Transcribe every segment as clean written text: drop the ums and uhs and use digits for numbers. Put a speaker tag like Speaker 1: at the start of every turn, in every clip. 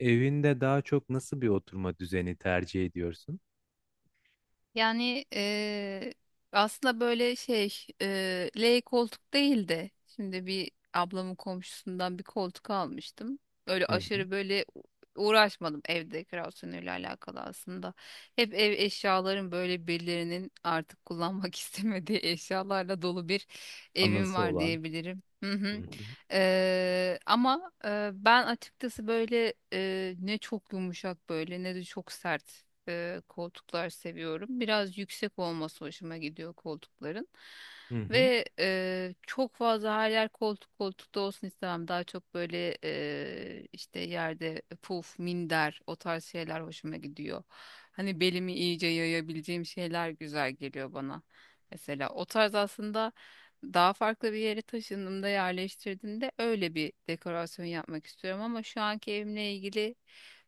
Speaker 1: Evinde daha çok nasıl bir oturma düzeni tercih ediyorsun?
Speaker 2: Yani aslında böyle şey L koltuk değil de şimdi bir ablamın komşusundan bir koltuk almıştım. Öyle
Speaker 1: Hı hı.
Speaker 2: aşırı böyle uğraşmadım ev dekorasyonuyla alakalı aslında. Hep ev eşyaların böyle birilerinin artık kullanmak istemediği eşyalarla dolu bir evim
Speaker 1: Anısı
Speaker 2: var
Speaker 1: olan.
Speaker 2: diyebilirim. Hı
Speaker 1: Hı
Speaker 2: hı.
Speaker 1: hı.
Speaker 2: Ama ben açıkçası böyle ne çok yumuşak böyle ne de çok sert koltuklar seviyorum. Biraz yüksek olması hoşuma gidiyor koltukların.
Speaker 1: Hı hı.
Speaker 2: Ve çok fazla her yer koltukta olsun istemem. Daha çok böyle işte yerde puf, minder o tarz şeyler hoşuma gidiyor. Hani belimi iyice yayabileceğim şeyler güzel geliyor bana. Mesela o tarz aslında daha farklı bir yere taşındığımda yerleştirdiğimde öyle bir dekorasyon yapmak istiyorum ama şu anki evimle ilgili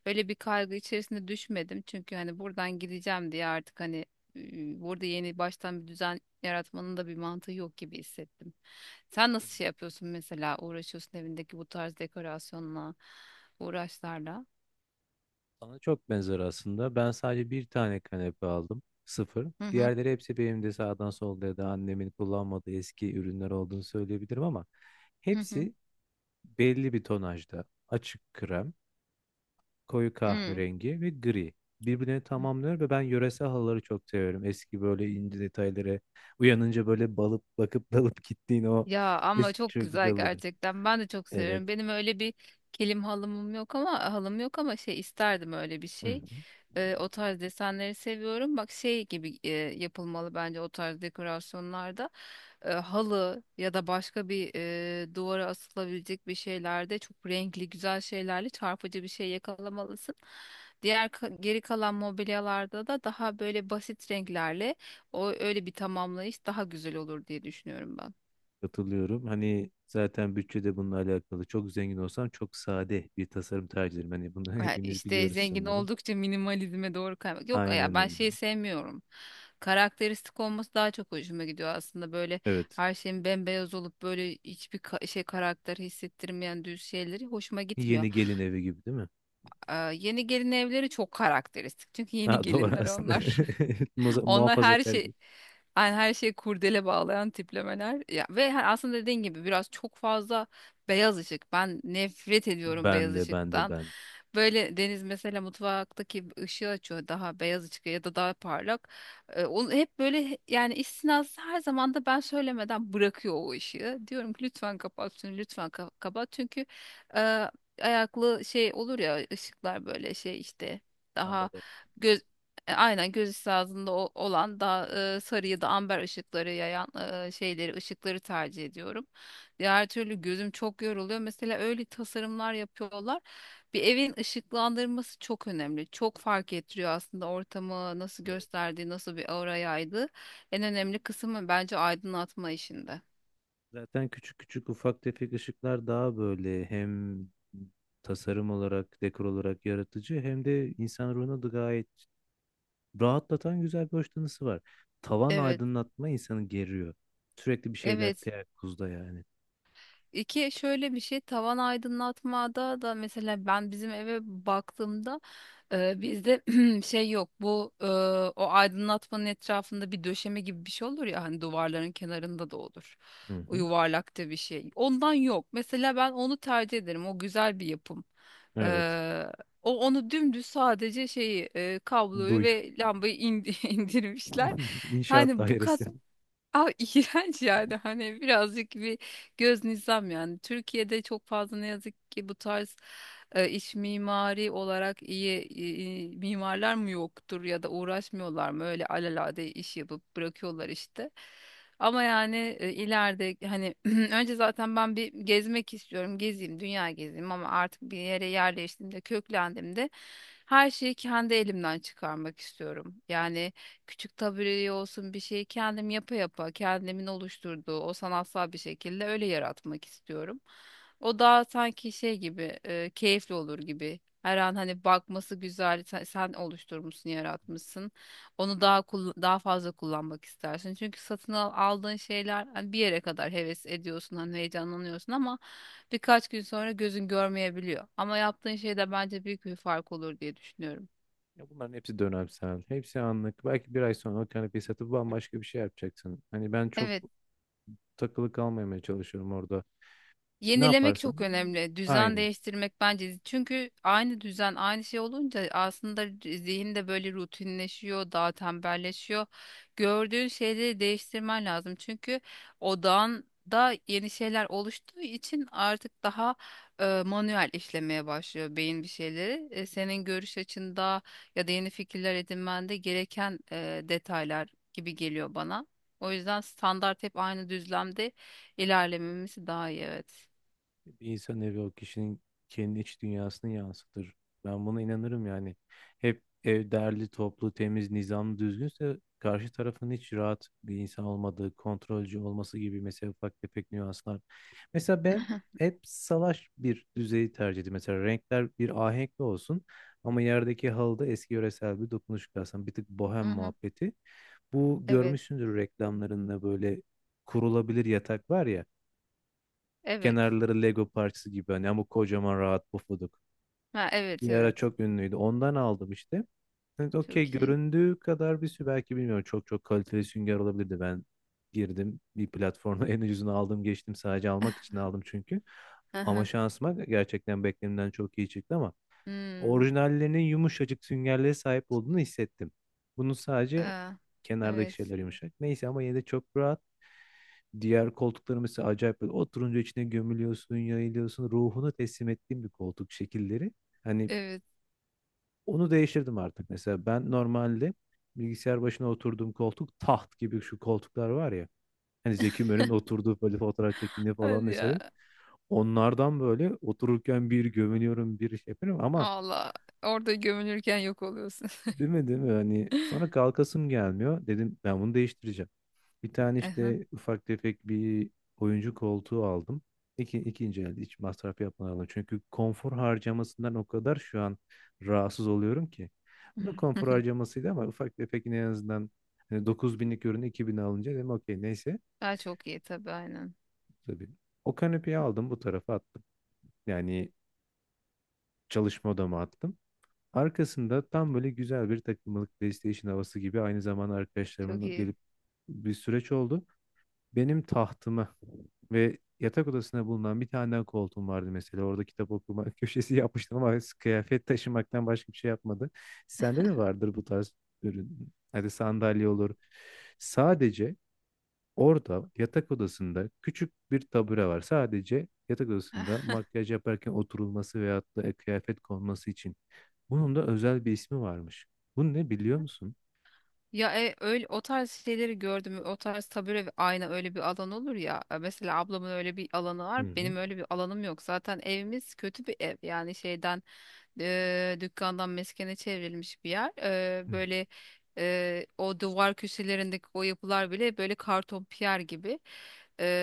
Speaker 2: öyle bir kaygı içerisinde düşmedim. Çünkü hani buradan gideceğim diye artık hani burada yeni baştan bir düzen yaratmanın da bir mantığı yok gibi hissettim. Sen
Speaker 1: Hı.
Speaker 2: nasıl şey yapıyorsun mesela uğraşıyorsun evindeki bu tarz dekorasyonla, uğraşlarla?
Speaker 1: Sana çok benzer aslında. Ben sadece bir tane kanepe aldım. Sıfır.
Speaker 2: Hı hı,
Speaker 1: Diğerleri hepsi benim de sağdan solda ya da annemin kullanmadığı eski ürünler olduğunu söyleyebilirim ama
Speaker 2: hı hı.
Speaker 1: hepsi belli bir tonajda. Açık krem, koyu kahverengi ve gri. Birbirini
Speaker 2: Hı.
Speaker 1: tamamlıyor ve ben yöresel halıları çok seviyorum. Eski böyle ince detayları. Uyanınca böyle balıp bakıp dalıp gittiğin o
Speaker 2: Ya ama
Speaker 1: eski
Speaker 2: çok
Speaker 1: çocukluk
Speaker 2: güzel
Speaker 1: halıları.
Speaker 2: gerçekten. Ben de çok
Speaker 1: Evet.
Speaker 2: seviyorum. Benim öyle bir kilim halımım yok ama halım yok ama şey isterdim öyle bir
Speaker 1: Hı hı.
Speaker 2: şey. O tarz desenleri seviyorum. Bak şey gibi yapılmalı bence o tarz dekorasyonlarda. Halı ya da başka bir duvara asılabilecek bir şeylerde çok renkli güzel şeylerle çarpıcı bir şey yakalamalısın. Diğer geri kalan mobilyalarda da daha böyle basit renklerle o öyle bir tamamlayış daha güzel olur diye düşünüyorum ben.
Speaker 1: Katılıyorum. Hani zaten bütçede de bununla alakalı. Çok zengin olsam çok sade bir tasarım tercih ederim. Hani bunu
Speaker 2: Ha,
Speaker 1: hepimiz
Speaker 2: işte
Speaker 1: biliyoruz
Speaker 2: zengin
Speaker 1: sanırım.
Speaker 2: oldukça minimalizme doğru kaymak. Yok ya
Speaker 1: Aynen
Speaker 2: ben
Speaker 1: öyle.
Speaker 2: şeyi sevmiyorum. Karakteristik olması daha çok hoşuma gidiyor aslında böyle
Speaker 1: Evet.
Speaker 2: her şeyin bembeyaz olup böyle hiçbir şey karakter hissettirmeyen düz şeyleri hoşuma gitmiyor.
Speaker 1: Yeni gelin evi gibi değil mi?
Speaker 2: Aa, yeni gelin evleri çok karakteristik çünkü yeni
Speaker 1: Ha, doğru
Speaker 2: gelinler
Speaker 1: aslında.
Speaker 2: onlar. Onlar her
Speaker 1: Muhafazakar
Speaker 2: şey
Speaker 1: değil.
Speaker 2: yani her şeyi kurdele bağlayan tiplemeler. Ya ve aslında dediğin gibi biraz çok fazla beyaz ışık. Ben nefret ediyorum beyaz
Speaker 1: Ben de ben de
Speaker 2: ışıktan.
Speaker 1: ben.
Speaker 2: Böyle Deniz mesela mutfaktaki ışığı açıyor daha beyaz ışık ya da daha parlak. Onu hep böyle yani istisnası her zaman da ben söylemeden bırakıyor o ışığı. Diyorum ki lütfen kapat şunu, lütfen kapat. Çünkü e, ayaklı şey olur ya ışıklar böyle şey işte daha
Speaker 1: Ama derim.
Speaker 2: aynen göz üstü ağzında olan daha sarı ya da amber ışıkları yayan şeyleri, ışıkları tercih ediyorum. Diğer türlü gözüm çok yoruluyor. Mesela öyle tasarımlar yapıyorlar. Bir evin ışıklandırması çok önemli. Çok fark ettiriyor aslında ortamı nasıl
Speaker 1: Evet.
Speaker 2: gösterdiği, nasıl bir aura yaydığı. En önemli kısmı bence aydınlatma işinde.
Speaker 1: Zaten küçük küçük ufak tefek ışıklar daha böyle hem tasarım olarak, dekor olarak yaratıcı hem de insan ruhuna da gayet rahatlatan güzel bir hoşlanısı var. Tavan
Speaker 2: Evet,
Speaker 1: aydınlatma insanı geriyor. Sürekli bir şeyler
Speaker 2: evet.
Speaker 1: teyakkuzda yani.
Speaker 2: İki şöyle bir şey tavan aydınlatmada da mesela ben bizim eve baktığımda bizde şey yok bu o aydınlatmanın etrafında bir döşeme gibi bir şey olur ya hani duvarların kenarında da olur.
Speaker 1: Hı
Speaker 2: O
Speaker 1: hı.
Speaker 2: yuvarlakta bir şey. Ondan yok. Mesela ben onu tercih ederim. O güzel bir yapım. E,
Speaker 1: Evet.
Speaker 2: O onu dümdüz sadece şeyi kabloyu
Speaker 1: Duy.
Speaker 2: ve lambayı indirmişler.
Speaker 1: İnşaat
Speaker 2: Yani bu
Speaker 1: dairesi.
Speaker 2: kat. Aa, iğrenç yani hani birazcık bir göz nizam yani. Türkiye'de çok fazla ne yazık ki bu tarz iç mimari olarak iyi mimarlar mı yoktur ya da uğraşmıyorlar mı öyle alelade iş yapıp bırakıyorlar işte. Ama yani ileride hani önce zaten ben bir gezmek istiyorum gezeyim dünya gezeyim ama artık bir yere yerleştiğimde köklendiğimde her şeyi kendi elimden çıkarmak istiyorum. Yani küçük tabireli olsun bir şeyi kendim yapa yapa kendimin oluşturduğu o sanatsal bir şekilde öyle yaratmak istiyorum. O daha sanki şey gibi keyifli olur gibi. Her an hani bakması güzel sen oluşturmuşsun yaratmışsın. Onu daha fazla kullanmak istersin. Çünkü aldığın şeyler hani bir yere kadar heves ediyorsun hani heyecanlanıyorsun ama birkaç gün sonra gözün görmeyebiliyor. Ama yaptığın şeyde bence büyük bir fark olur diye düşünüyorum.
Speaker 1: Ya bunların hepsi dönemsel. Hepsi anlık. Belki bir ay sonra o kanepeyi satıp bambaşka bir şey yapacaksın. Hani ben çok
Speaker 2: Evet.
Speaker 1: takılı kalmamaya çalışıyorum orada. Ne
Speaker 2: Yenilemek
Speaker 1: yaparsan.
Speaker 2: çok önemli. Düzen
Speaker 1: Aynen.
Speaker 2: değiştirmek bence. Çünkü aynı düzen, aynı şey olunca aslında zihin de böyle rutinleşiyor, daha tembelleşiyor. Gördüğün şeyleri değiştirmen lazım. Çünkü odağın da yeni şeyler oluştuğu için artık daha manuel işlemeye başlıyor beyin bir şeyleri. Senin görüş açında ya da yeni fikirler edinmende gereken detaylar gibi geliyor bana. O yüzden standart hep aynı düzlemde ilerlememiz daha iyi, evet.
Speaker 1: Bir insan evi o kişinin kendi iç dünyasını yansıtır. Ben buna inanırım yani. Hep ev derli, toplu, temiz, nizamlı, düzgünse karşı tarafın hiç rahat bir insan olmadığı, kontrolcü olması gibi mesela ufak tefek nüanslar. Mesela ben
Speaker 2: Mhm.
Speaker 1: hep salaş bir düzeyi tercih ediyorum. Mesela renkler bir ahenkli olsun ama yerdeki halıda eski yöresel bir dokunuş kalsın. Bir tık bohem
Speaker 2: Mhm.
Speaker 1: muhabbeti. Bu
Speaker 2: Evet.
Speaker 1: görmüşsündür reklamlarında böyle kurulabilir yatak var ya.
Speaker 2: Evet.
Speaker 1: Kenarları Lego parçası gibi hani ama kocaman rahat pufuduk.
Speaker 2: Ha, evet,
Speaker 1: Bir ara
Speaker 2: evet.
Speaker 1: çok ünlüydü. Ondan aldım işte. Evet, okey
Speaker 2: Çok iyi.
Speaker 1: göründüğü kadar bir sü belki bilmiyorum. Çok çok kaliteli sünger olabilirdi. Ben girdim bir platforma, en ucuzunu aldım geçtim. Sadece almak için aldım çünkü. Ama
Speaker 2: Aha.
Speaker 1: şansıma gerçekten beklenimden çok iyi çıktı ama
Speaker 2: Hmm.
Speaker 1: orijinallerinin yumuşacık süngerlere sahip olduğunu hissettim. Bunun sadece
Speaker 2: Aa,
Speaker 1: kenardaki
Speaker 2: evet.
Speaker 1: şeyler yumuşak. Neyse ama yine de çok rahat. Diğer koltukları mesela acayip böyle oturunca içine gömülüyorsun, yayılıyorsun. Ruhunu teslim ettiğim bir koltuk şekilleri. Hani
Speaker 2: Evet.
Speaker 1: onu değiştirdim artık. Mesela ben normalde bilgisayar başına oturduğum koltuk taht gibi şu koltuklar var ya. Hani Zeki Müren'in oturduğu böyle fotoğraf çektiğinde falan
Speaker 2: Hadi
Speaker 1: mesela.
Speaker 2: ya.
Speaker 1: Onlardan böyle otururken bir gömülüyorum bir şey yapıyorum ama
Speaker 2: Valla orada gömülürken yok oluyorsun.
Speaker 1: değil mi değil mi? Hani sonra kalkasım gelmiyor. Dedim ben bunu değiştireceğim. Bir tane
Speaker 2: Aha.
Speaker 1: işte ufak tefek bir oyuncu koltuğu aldım. İki, ikinci elde hiç masraf yapmadan aldım. Çünkü konfor harcamasından o kadar şu an rahatsız oluyorum ki. Bu da konfor harcamasıydı ama ufak tefek yine en azından hani 9000'lik ürünü 2000'e alınca dedim okey neyse.
Speaker 2: Ha, çok iyi tabii aynen.
Speaker 1: Tabii. O kanepeyi aldım bu tarafa attım. Yani çalışma odama attım. Arkasında tam böyle güzel bir takımlık PlayStation havası gibi aynı zamanda
Speaker 2: Çok
Speaker 1: arkadaşlarımın
Speaker 2: iyi.
Speaker 1: gelip bir süreç oldu. Benim tahtımı ve yatak odasına bulunan bir tane daha koltuğum vardı mesela. Orada kitap okuma köşesi yapmıştım ama kıyafet taşımaktan başka bir şey yapmadı. Sende de vardır bu tarz ürün. Hadi sandalye olur. Sadece orada yatak odasında küçük bir tabure var. Sadece yatak odasında makyaj yaparken oturulması veyahut da kıyafet konması için. Bunun da özel bir ismi varmış. Bu ne biliyor musun?
Speaker 2: Ya öyle o tarz şeyleri gördüm. O tarz tabure ve ayna öyle bir alan olur ya. Mesela ablamın öyle bir alanı
Speaker 1: Hı
Speaker 2: var.
Speaker 1: hı.
Speaker 2: Benim öyle bir alanım yok. Zaten evimiz kötü bir ev. Yani şeyden dükkandan meskene çevrilmiş bir yer.
Speaker 1: Hı
Speaker 2: Böyle o duvar köşelerindeki o yapılar bile böyle karton piyer gibi.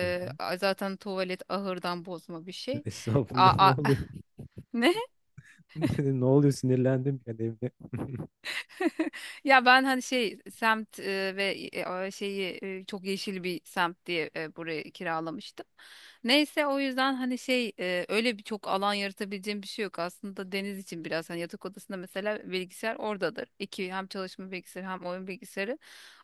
Speaker 1: hı. Hı.
Speaker 2: Zaten tuvalet ahırdan bozma bir şey. A,
Speaker 1: Estağfurullah ne oluyor?
Speaker 2: ne?
Speaker 1: Ne oluyor, sinirlendim ben evde.
Speaker 2: Ya ben hani şey semt ve şeyi çok yeşil bir semt diye burayı kiralamıştım. Neyse o yüzden hani şey öyle bir çok alan yaratabileceğim bir şey yok. Aslında Deniz için biraz hani yatak odasında mesela bilgisayar oradadır. İki hem çalışma bilgisayarı hem oyun bilgisayarı.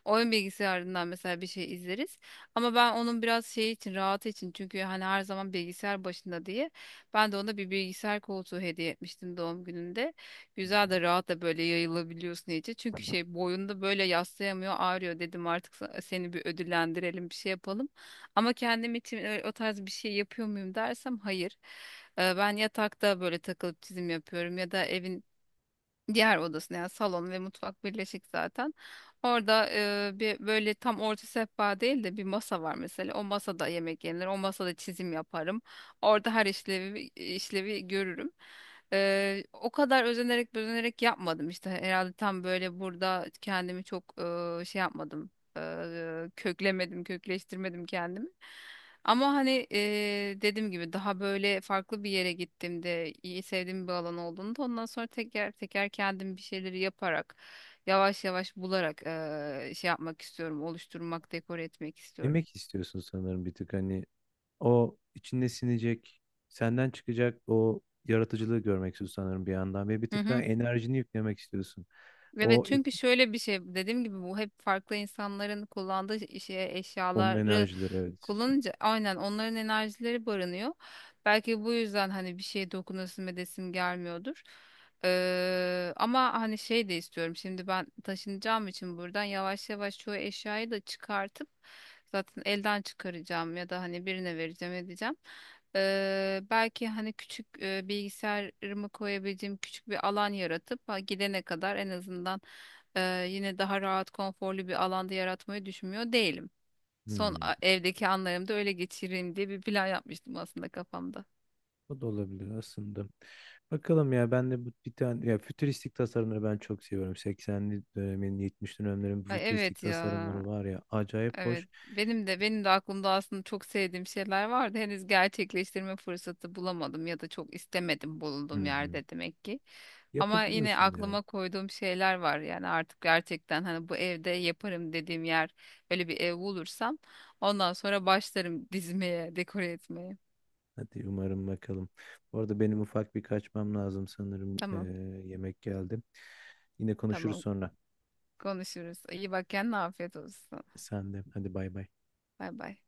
Speaker 2: Oyun bilgisayarından mesela bir şey izleriz. Ama ben onun biraz şey için rahat için çünkü hani her zaman bilgisayar başında diye ben de ona bir bilgisayar koltuğu hediye etmiştim doğum gününde.
Speaker 1: Hı
Speaker 2: Güzel
Speaker 1: hı.
Speaker 2: de rahat da böyle yayılabiliyorsun iyice. Çünkü şey boyunda böyle yaslayamıyor ağrıyor dedim artık seni bir ödüllendirelim bir şey yapalım. Ama kendim için o tarz bir şey yapıyor muyum dersem hayır. Ben yatakta böyle takılıp çizim yapıyorum ya da evin diğer odasında yani salon ve mutfak birleşik zaten. Orada bir böyle tam orta sehpa değil de bir masa var mesela. O masada yemek yenir. O masada çizim yaparım. Orada her işlevi görürüm. O kadar özenerek özenerek yapmadım işte. Herhalde tam böyle burada kendimi çok şey yapmadım. Köklemedim, kökleştirmedim kendimi. Ama hani dediğim gibi daha böyle farklı bir yere gittiğimde iyi sevdiğim bir alan olduğunda ondan sonra teker teker kendim bir şeyleri yaparak yavaş yavaş bularak şey yapmak istiyorum, oluşturmak, dekore etmek istiyorum.
Speaker 1: Emek istiyorsun sanırım bir tık, hani o içinde sinecek, senden çıkacak o yaratıcılığı görmek istiyorsun sanırım bir yandan ve bir
Speaker 2: Hı
Speaker 1: tık daha
Speaker 2: hı.
Speaker 1: enerjini yüklemek istiyorsun.
Speaker 2: Evet,
Speaker 1: O
Speaker 2: çünkü şöyle bir şey dediğim gibi bu hep farklı insanların kullandığı şey
Speaker 1: onun
Speaker 2: eşyaları
Speaker 1: enerjileri, evet.
Speaker 2: kullanınca aynen onların enerjileri barınıyor. Belki bu yüzden hani bir şeye dokunasım edesim gelmiyordur. Ama hani şey de istiyorum. Şimdi ben taşınacağım için buradan yavaş yavaş çoğu eşyayı da çıkartıp zaten elden çıkaracağım ya da hani birine vereceğim edeceğim. Belki hani küçük bilgisayarımı koyabileceğim küçük bir alan yaratıp ha, gidene kadar en azından e, yine daha rahat konforlu bir alanda yaratmayı düşünmüyor değilim. Son
Speaker 1: Hmm.
Speaker 2: evdeki anlarımda öyle geçireyim diye bir plan yapmıştım aslında kafamda.
Speaker 1: O da olabilir aslında. Bakalım ya, ben de bu bir tane ya, fütüristik tasarımları ben çok seviyorum. 80'li dönemin 70'li dönemlerin bu
Speaker 2: Ay,
Speaker 1: fütüristik
Speaker 2: evet ya.
Speaker 1: tasarımları var ya acayip
Speaker 2: Evet.
Speaker 1: hoş.
Speaker 2: Benim de aklımda aslında çok sevdiğim şeyler vardı. Henüz gerçekleştirme fırsatı bulamadım ya da çok istemedim
Speaker 1: Hı
Speaker 2: bulunduğum
Speaker 1: hı.
Speaker 2: yerde demek ki. Ama yine
Speaker 1: Yapabiliyorsun ya.
Speaker 2: aklıma koyduğum şeyler var. Yani artık gerçekten hani bu evde yaparım dediğim yer öyle bir ev bulursam ondan sonra başlarım dizmeye, dekore etmeye.
Speaker 1: Hadi umarım, bakalım. Bu arada benim ufak bir kaçmam lazım sanırım.
Speaker 2: Tamam,
Speaker 1: Yemek geldi. Yine konuşuruz
Speaker 2: tamam.
Speaker 1: sonra.
Speaker 2: Konuşuruz. İyi bak kendine, afiyet olsun.
Speaker 1: Sen de. Hadi bay bay.
Speaker 2: Bay bay.